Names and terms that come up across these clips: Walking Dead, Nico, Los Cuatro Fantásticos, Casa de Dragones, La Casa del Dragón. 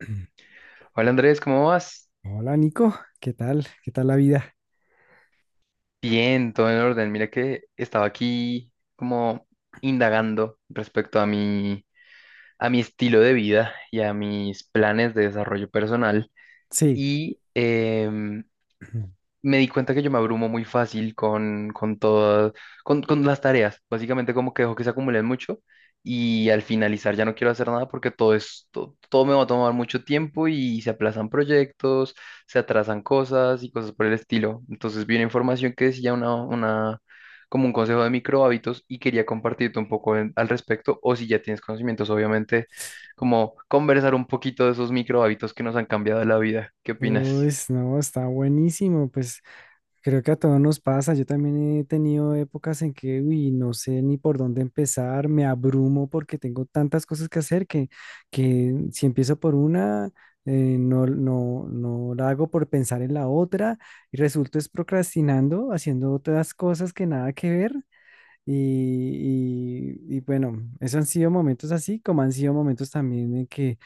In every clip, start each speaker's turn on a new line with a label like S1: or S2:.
S1: Hola Andrés, ¿cómo vas?
S2: Hola Nico, ¿qué tal? ¿Qué tal la vida?
S1: Bien, todo en orden. Mira que estaba aquí como indagando respecto a mi estilo de vida y a mis planes de desarrollo personal.
S2: Sí,
S1: Y me di cuenta que yo me abrumo muy fácil con todas, con las tareas. Básicamente como que dejo que se acumulen mucho y al finalizar ya no quiero hacer nada porque todo es, todo, me va a tomar mucho tiempo y se aplazan proyectos, se atrasan cosas y cosas por el estilo. Entonces vi una información que decía una, como un consejo de micro hábitos y quería compartirte un poco al respecto o si ya tienes conocimientos, obviamente, como conversar un poquito de esos micro hábitos que nos han cambiado la vida. ¿Qué opinas?
S2: pues no, está buenísimo, pues creo que a todos nos pasa. Yo también he tenido épocas en que, uy, no sé ni por dónde empezar, me abrumo porque tengo tantas cosas que hacer que si empiezo por una, no la hago por pensar en la otra y resulto es procrastinando, haciendo otras cosas que nada que ver. Y bueno, esos han sido momentos así, como han sido momentos también en que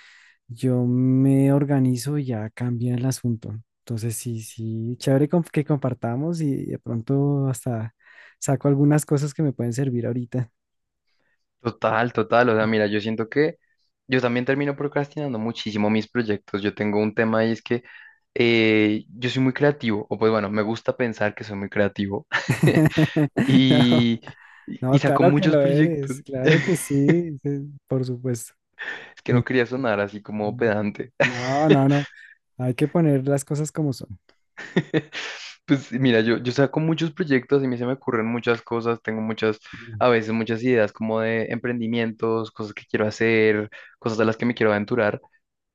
S2: yo me organizo y ya cambia el asunto. Entonces, sí, sí, chévere que compartamos y de pronto hasta saco algunas cosas que me pueden servir ahorita.
S1: Total, total. O sea, mira, yo siento que yo también termino procrastinando muchísimo mis proyectos. Yo tengo un tema y es que yo soy muy creativo, o pues bueno, me gusta pensar que soy muy creativo
S2: No,
S1: y,
S2: no,
S1: y saco
S2: claro que
S1: muchos
S2: lo
S1: proyectos.
S2: eres, claro que sí, sí, por supuesto.
S1: Es que no quería sonar así como
S2: Mm.
S1: pedante.
S2: No, no, no, hay que poner las cosas como son.
S1: Pues mira, yo saco muchos proyectos y a mí se me ocurren muchas cosas, tengo muchas,
S2: Mm.
S1: a veces muchas ideas como de emprendimientos, cosas que quiero hacer, cosas a las que me quiero aventurar.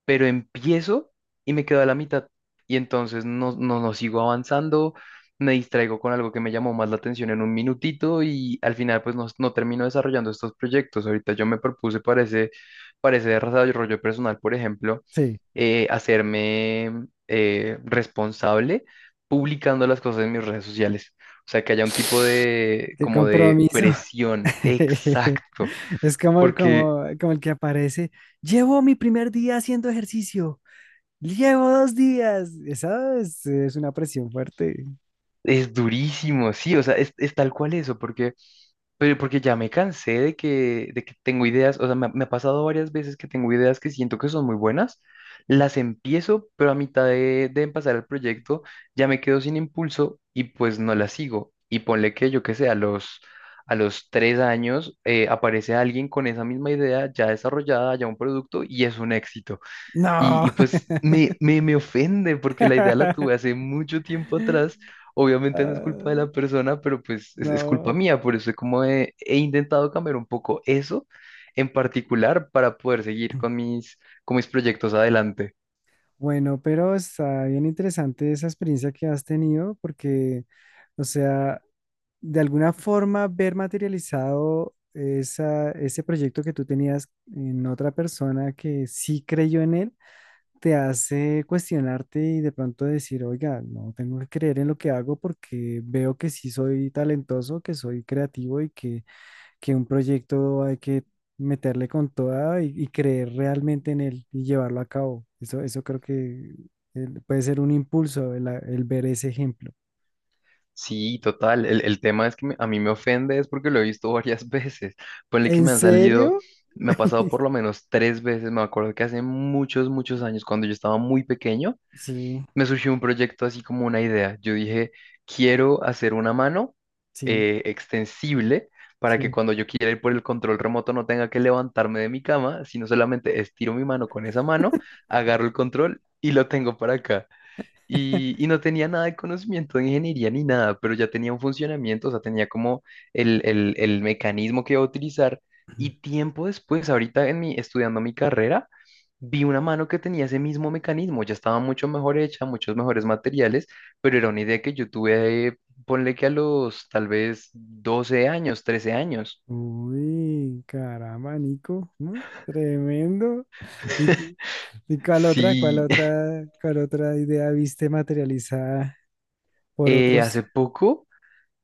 S1: Pero empiezo y me quedo a la mitad. Y entonces no sigo avanzando, me distraigo con algo que me llamó más la atención en un minutito y al final pues no termino desarrollando estos proyectos. Ahorita yo me propuse para ese desarrollo personal, por ejemplo,
S2: Sí,
S1: hacerme responsable publicando las cosas en mis redes sociales. O sea, que haya un tipo de,
S2: qué
S1: como de
S2: compromiso.
S1: presión, exacto,
S2: Es
S1: porque
S2: como el que aparece. Llevo mi primer día haciendo ejercicio. Llevo dos días. Es una presión fuerte.
S1: es durísimo, sí, o sea, es tal cual eso, porque pero porque ya me cansé de que tengo ideas, o sea, me ha pasado varias veces que tengo ideas que siento que son muy buenas, las empiezo, pero a mitad de empezar el proyecto ya me quedo sin impulso y pues no las sigo. Y ponle que yo que sé, a los 3 años aparece alguien con esa misma idea ya desarrollada, ya un producto y es un éxito. Y,
S2: No.
S1: y pues me ofende porque la idea la tuve hace mucho tiempo atrás. Obviamente no es culpa de
S2: Ah,
S1: la persona, pero pues es culpa
S2: no.
S1: mía. Por eso es como he intentado cambiar un poco eso en particular para poder seguir con mis proyectos adelante.
S2: Bueno, pero está bien interesante esa experiencia que has tenido porque, o sea, de alguna forma ver materializado ese proyecto que tú tenías en otra persona que sí creyó en él te hace cuestionarte y de pronto decir, oiga, no tengo que creer en lo que hago porque veo que sí soy talentoso, que soy creativo y que un proyecto hay que meterle con toda y creer realmente en él y llevarlo a cabo. Eso creo que puede ser un impulso el ver ese ejemplo.
S1: Sí, total. El tema es que a mí me ofende es porque lo he visto varias veces. Ponle que
S2: ¿En
S1: me han salido,
S2: serio?
S1: me ha pasado por lo menos 3 veces. Me acuerdo que hace muchos, muchos años, cuando yo estaba muy pequeño
S2: Sí,
S1: me surgió un proyecto así como una idea. Yo dije, quiero hacer una mano
S2: sí,
S1: extensible para que
S2: sí.
S1: cuando yo quiera ir por el control remoto no tenga que levantarme de mi cama, sino solamente estiro mi mano con esa mano, agarro el control y lo tengo para acá y, y no tenía nada de conocimiento de ingeniería ni nada, pero ya tenía un funcionamiento, o sea, tenía como el mecanismo que iba a utilizar. Y tiempo después, ahorita estudiando mi carrera, vi una mano que tenía ese mismo mecanismo, ya estaba mucho mejor hecha, muchos mejores materiales, pero era una idea que yo tuve, ponle que a los tal vez 12 años, 13 años.
S2: Uy, caramba, Nico, ¿no? Tremendo. Y ¿y
S1: Sí,
S2: cuál otra idea viste materializada por otros?
S1: hace poco.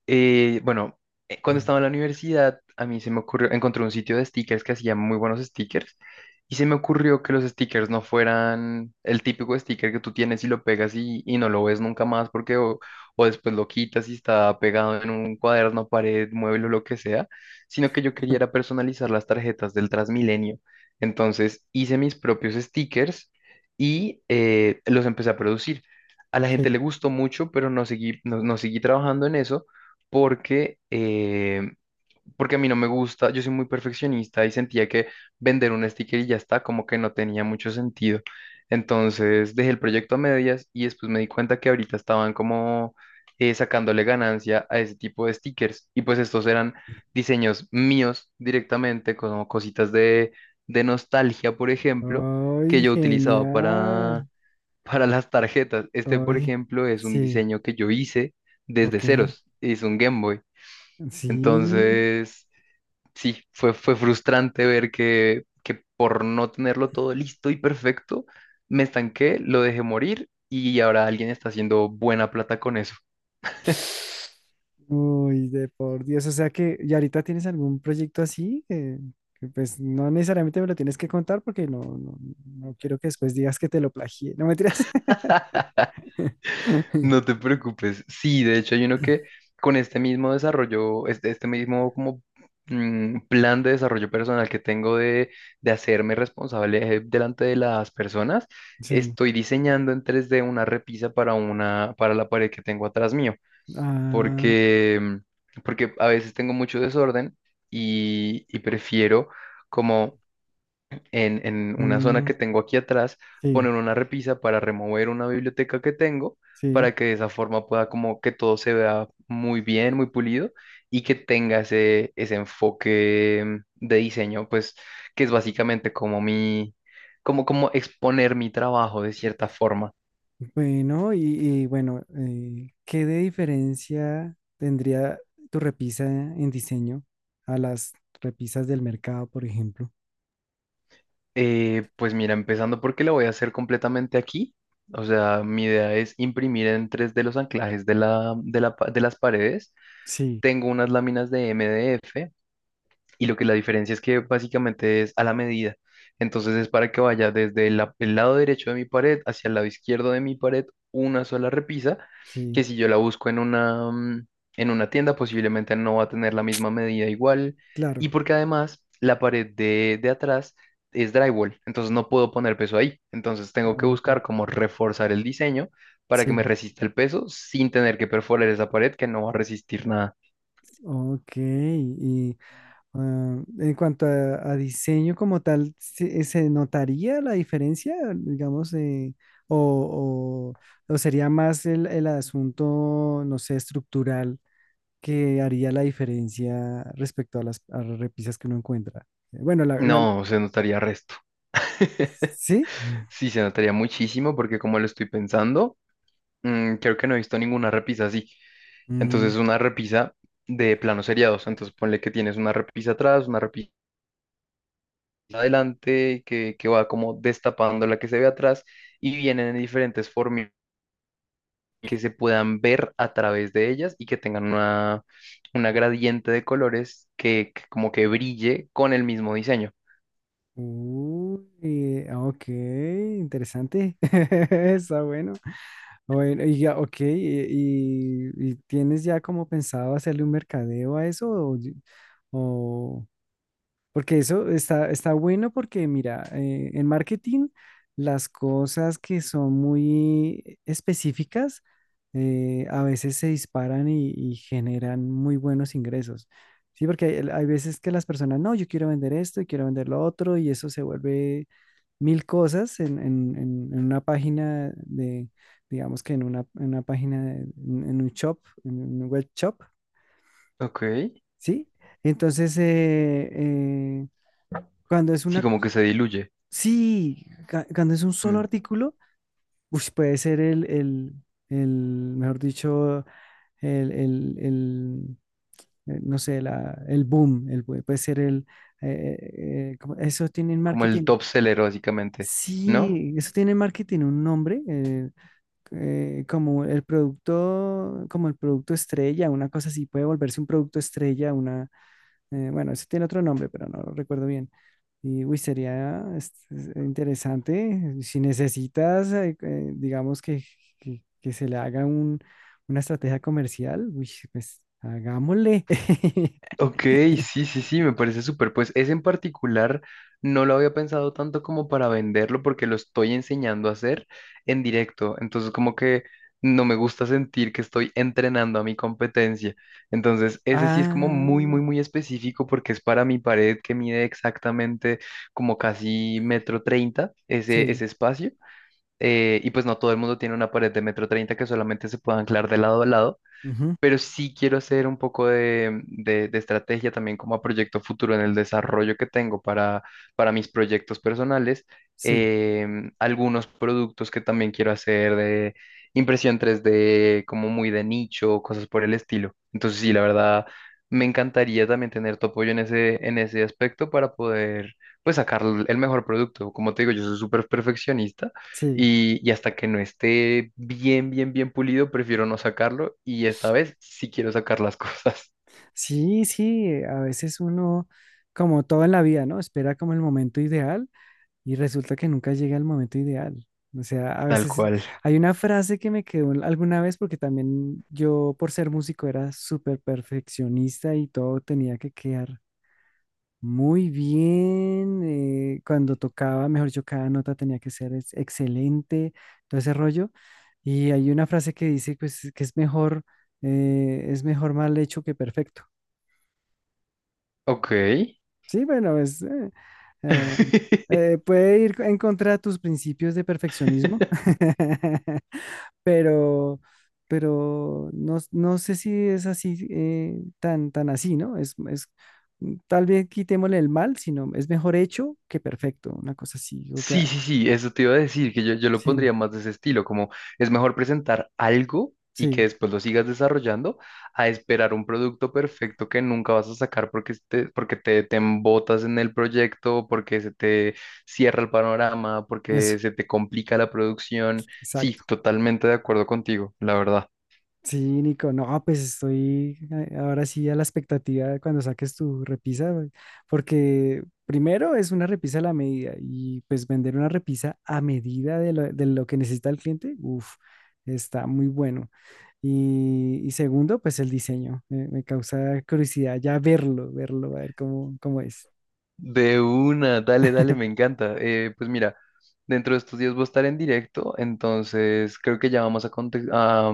S1: Bueno, cuando estaba en la universidad, a mí se me ocurrió, encontré un sitio de stickers que hacía muy buenos stickers y se me ocurrió que los stickers no fueran el típico sticker que tú tienes y lo pegas y no lo ves nunca más porque o después lo quitas y está pegado en un cuaderno, pared, mueble o lo que sea, sino que yo quería era personalizar las tarjetas del Transmilenio. Entonces hice mis propios stickers y los empecé a producir. A la gente
S2: Sí.
S1: le gustó mucho, pero no seguí trabajando en eso porque, eh, porque a mí no me gusta, yo soy muy perfeccionista y sentía que vender un sticker y ya está, como que no tenía mucho sentido. Entonces dejé el proyecto a medias y después me di cuenta que ahorita estaban como sacándole ganancia a ese tipo de stickers y pues estos eran diseños míos directamente, como cositas de nostalgia, por ejemplo, que
S2: ¡Ay,
S1: yo utilizaba para,
S2: genial!
S1: para las tarjetas. Este, por
S2: ¡Ay!
S1: ejemplo, es un
S2: Sí,
S1: diseño que yo hice desde
S2: ok.
S1: ceros, es un Game Boy.
S2: Sí.
S1: Entonces, sí, fue frustrante ver que por no tenerlo todo listo y perfecto, me estanqué, lo dejé morir y ahora alguien está haciendo buena plata con eso.
S2: Uy, de por Dios. O sea que, ¿y ahorita tienes algún proyecto así? Que, pues no necesariamente me lo tienes que contar porque no quiero que después digas que te lo plagié. No me tiras.
S1: No te preocupes. Sí, de hecho hay uno que con este mismo desarrollo, este mismo como plan de desarrollo personal que tengo de hacerme responsable delante de las personas,
S2: Sí.
S1: estoy diseñando en 3D una repisa para la pared que tengo atrás mío.
S2: Ah,
S1: porque, porque a veces tengo mucho desorden y prefiero como en una zona
S2: mm,
S1: que tengo aquí atrás
S2: sí,
S1: poner una repisa para remover una biblioteca que tengo
S2: sí.
S1: para que de esa forma pueda como que todo se vea muy bien, muy pulido y que tenga ese enfoque de diseño, pues que es básicamente como como exponer mi trabajo de cierta forma.
S2: Bueno, y bueno, ¿qué de diferencia tendría tu repisa en diseño a las repisas del mercado, por ejemplo?
S1: Pues mira, empezando porque la voy a hacer completamente aquí. O sea, mi idea es imprimir en 3D los anclajes de de las paredes.
S2: Sí,
S1: Tengo unas láminas de MDF y lo que la diferencia es que básicamente es a la medida. Entonces es para que vaya desde el lado derecho de mi pared hacia el lado izquierdo de mi pared una sola repisa, que
S2: sí,
S1: si yo la busco en una tienda posiblemente no va a tener la misma medida igual.
S2: claro.
S1: Y porque además la pared de atrás es drywall, entonces no puedo poner peso ahí. Entonces tengo que
S2: Ah,
S1: buscar cómo reforzar el diseño para que
S2: sí,
S1: me resista el peso sin tener que perforar esa pared que no va a resistir nada.
S2: ok. Y ah, en cuanto a diseño como tal, se notaría la diferencia, digamos, o, o- o sería más el asunto, no sé, estructural? Que haría la diferencia respecto a a las repisas que uno encuentra. Bueno,
S1: No, se notaría resto.
S2: ¿sí?
S1: Sí, se notaría muchísimo porque como lo estoy pensando, creo que no he visto ninguna repisa así.
S2: Mm,
S1: Entonces una repisa de planos seriados. Entonces ponle que tienes una repisa atrás, una repisa adelante, que va como destapando la que se ve atrás y vienen en diferentes formas que se puedan ver a través de ellas y que tengan una gradiente de colores que como que brille con el mismo diseño.
S2: uy, ah, ok, interesante. Está bueno. Bueno, y ya, ok, y ¿tienes ya como pensado hacerle un mercadeo a eso? O- Porque eso está, está bueno porque, mira, en marketing las cosas que son muy específicas a veces se disparan y generan muy buenos ingresos. Sí, porque hay veces que las personas, no, yo quiero vender esto y quiero vender lo otro y eso se vuelve mil cosas en una página de, digamos que en una página, en un shop, en un web shop,
S1: Ok.
S2: ¿sí? Entonces, cuando es
S1: Sí,
S2: una.
S1: como que se diluye.
S2: Sí, cuando es un solo
S1: Mm.
S2: artículo, ush, puede ser el, mejor dicho, el, el, el, no sé, el boom, puede ser el, eh, ¿cómo? Eso tiene en
S1: Como el
S2: marketing.
S1: top seller, básicamente, ¿no?
S2: Sí, eso tiene en marketing un nombre, como el producto estrella, una cosa así, puede volverse un producto estrella. Bueno, eso tiene otro nombre, pero no lo recuerdo bien. Y uy, sería es interesante. Si necesitas, digamos que, que se le haga una estrategia comercial, uy, pues hagámosle.
S1: Ok, sí, sí, sí, me parece súper. Pues ese en particular no lo había pensado tanto como para venderlo porque lo estoy enseñando a hacer en directo. Entonces, como que no me gusta sentir que estoy entrenando a mi competencia. Entonces, ese sí es como muy,
S2: Ah,
S1: muy, muy específico porque es para mi pared que mide exactamente como casi metro treinta ese,
S2: sí,
S1: ese espacio. Y pues no todo el mundo tiene una pared de metro treinta que solamente se puede anclar de lado a lado.
S2: ujú,
S1: Pero sí quiero hacer un poco de estrategia también como a proyecto futuro en el desarrollo que tengo para mis proyectos personales.
S2: sí,
S1: Algunos productos que también quiero hacer de impresión 3D, como muy de nicho, cosas por el estilo. Entonces, sí, la verdad, me encantaría también tener tu apoyo en ese aspecto para poder, pues, sacar el mejor producto. Como te digo, yo soy súper perfeccionista
S2: sí,
S1: y hasta que no esté bien, bien, bien pulido, prefiero no sacarlo. Y esta vez sí quiero sacar las cosas
S2: sí, sí. A veces uno, como todo en la vida, ¿no? Espera como el momento ideal. Y resulta que nunca llega el momento ideal. O sea, a
S1: tal
S2: veces
S1: cual.
S2: hay una frase que me quedó alguna vez porque también yo por ser músico era súper perfeccionista y todo tenía que quedar muy bien. Cuando tocaba, mejor yo cada nota tenía que ser excelente, todo ese rollo. Y hay una frase que dice pues que es mejor mal hecho que perfecto.
S1: Ok.
S2: Sí, bueno, es, eh, puede ir en contra de tus principios de perfeccionismo, pero, pero no, no sé si es así, tan así, ¿no? Es, mm, tal vez quitémosle el mal, sino es mejor hecho que perfecto, una cosa así.
S1: Sí, sí, sí, eso te iba a decir, que yo lo
S2: Sí,
S1: pondría más de ese estilo, como es mejor presentar algo y que
S2: sí,
S1: después lo sigas desarrollando a esperar un producto perfecto que nunca vas a sacar porque te embotas en el proyecto, porque se te cierra el panorama, porque
S2: eso,
S1: se te complica la producción. Sí,
S2: exacto.
S1: totalmente de acuerdo contigo, la verdad.
S2: Sí, Nico, no, pues estoy ahora sí a la expectativa de cuando saques tu repisa, güey, porque primero es una repisa a la medida y pues vender una repisa a medida de lo que necesita el cliente, uff, está muy bueno. Y segundo, pues el diseño, me causa curiosidad ya verlo, verlo, a ver cómo, cómo es.
S1: De una, dale, dale, me encanta. Pues mira, dentro de estos días voy a estar en directo, entonces creo que ya vamos a, conte- a,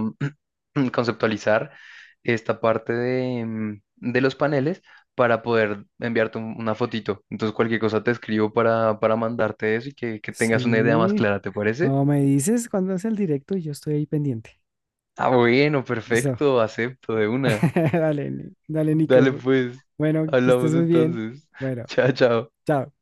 S1: mm, conceptualizar esta parte de los paneles para poder enviarte una fotito. Entonces cualquier cosa te escribo para mandarte eso y que tengas una idea más
S2: Sí,
S1: clara, ¿te parece?
S2: o me dices cuándo es el directo y yo estoy ahí pendiente.
S1: Ah, bueno,
S2: Listo,
S1: perfecto, acepto de una.
S2: dale, dale,
S1: Dale
S2: Nico.
S1: pues,
S2: Bueno, que
S1: hablamos
S2: estés muy bien.
S1: entonces.
S2: Bueno,
S1: Chao, chao.
S2: chao.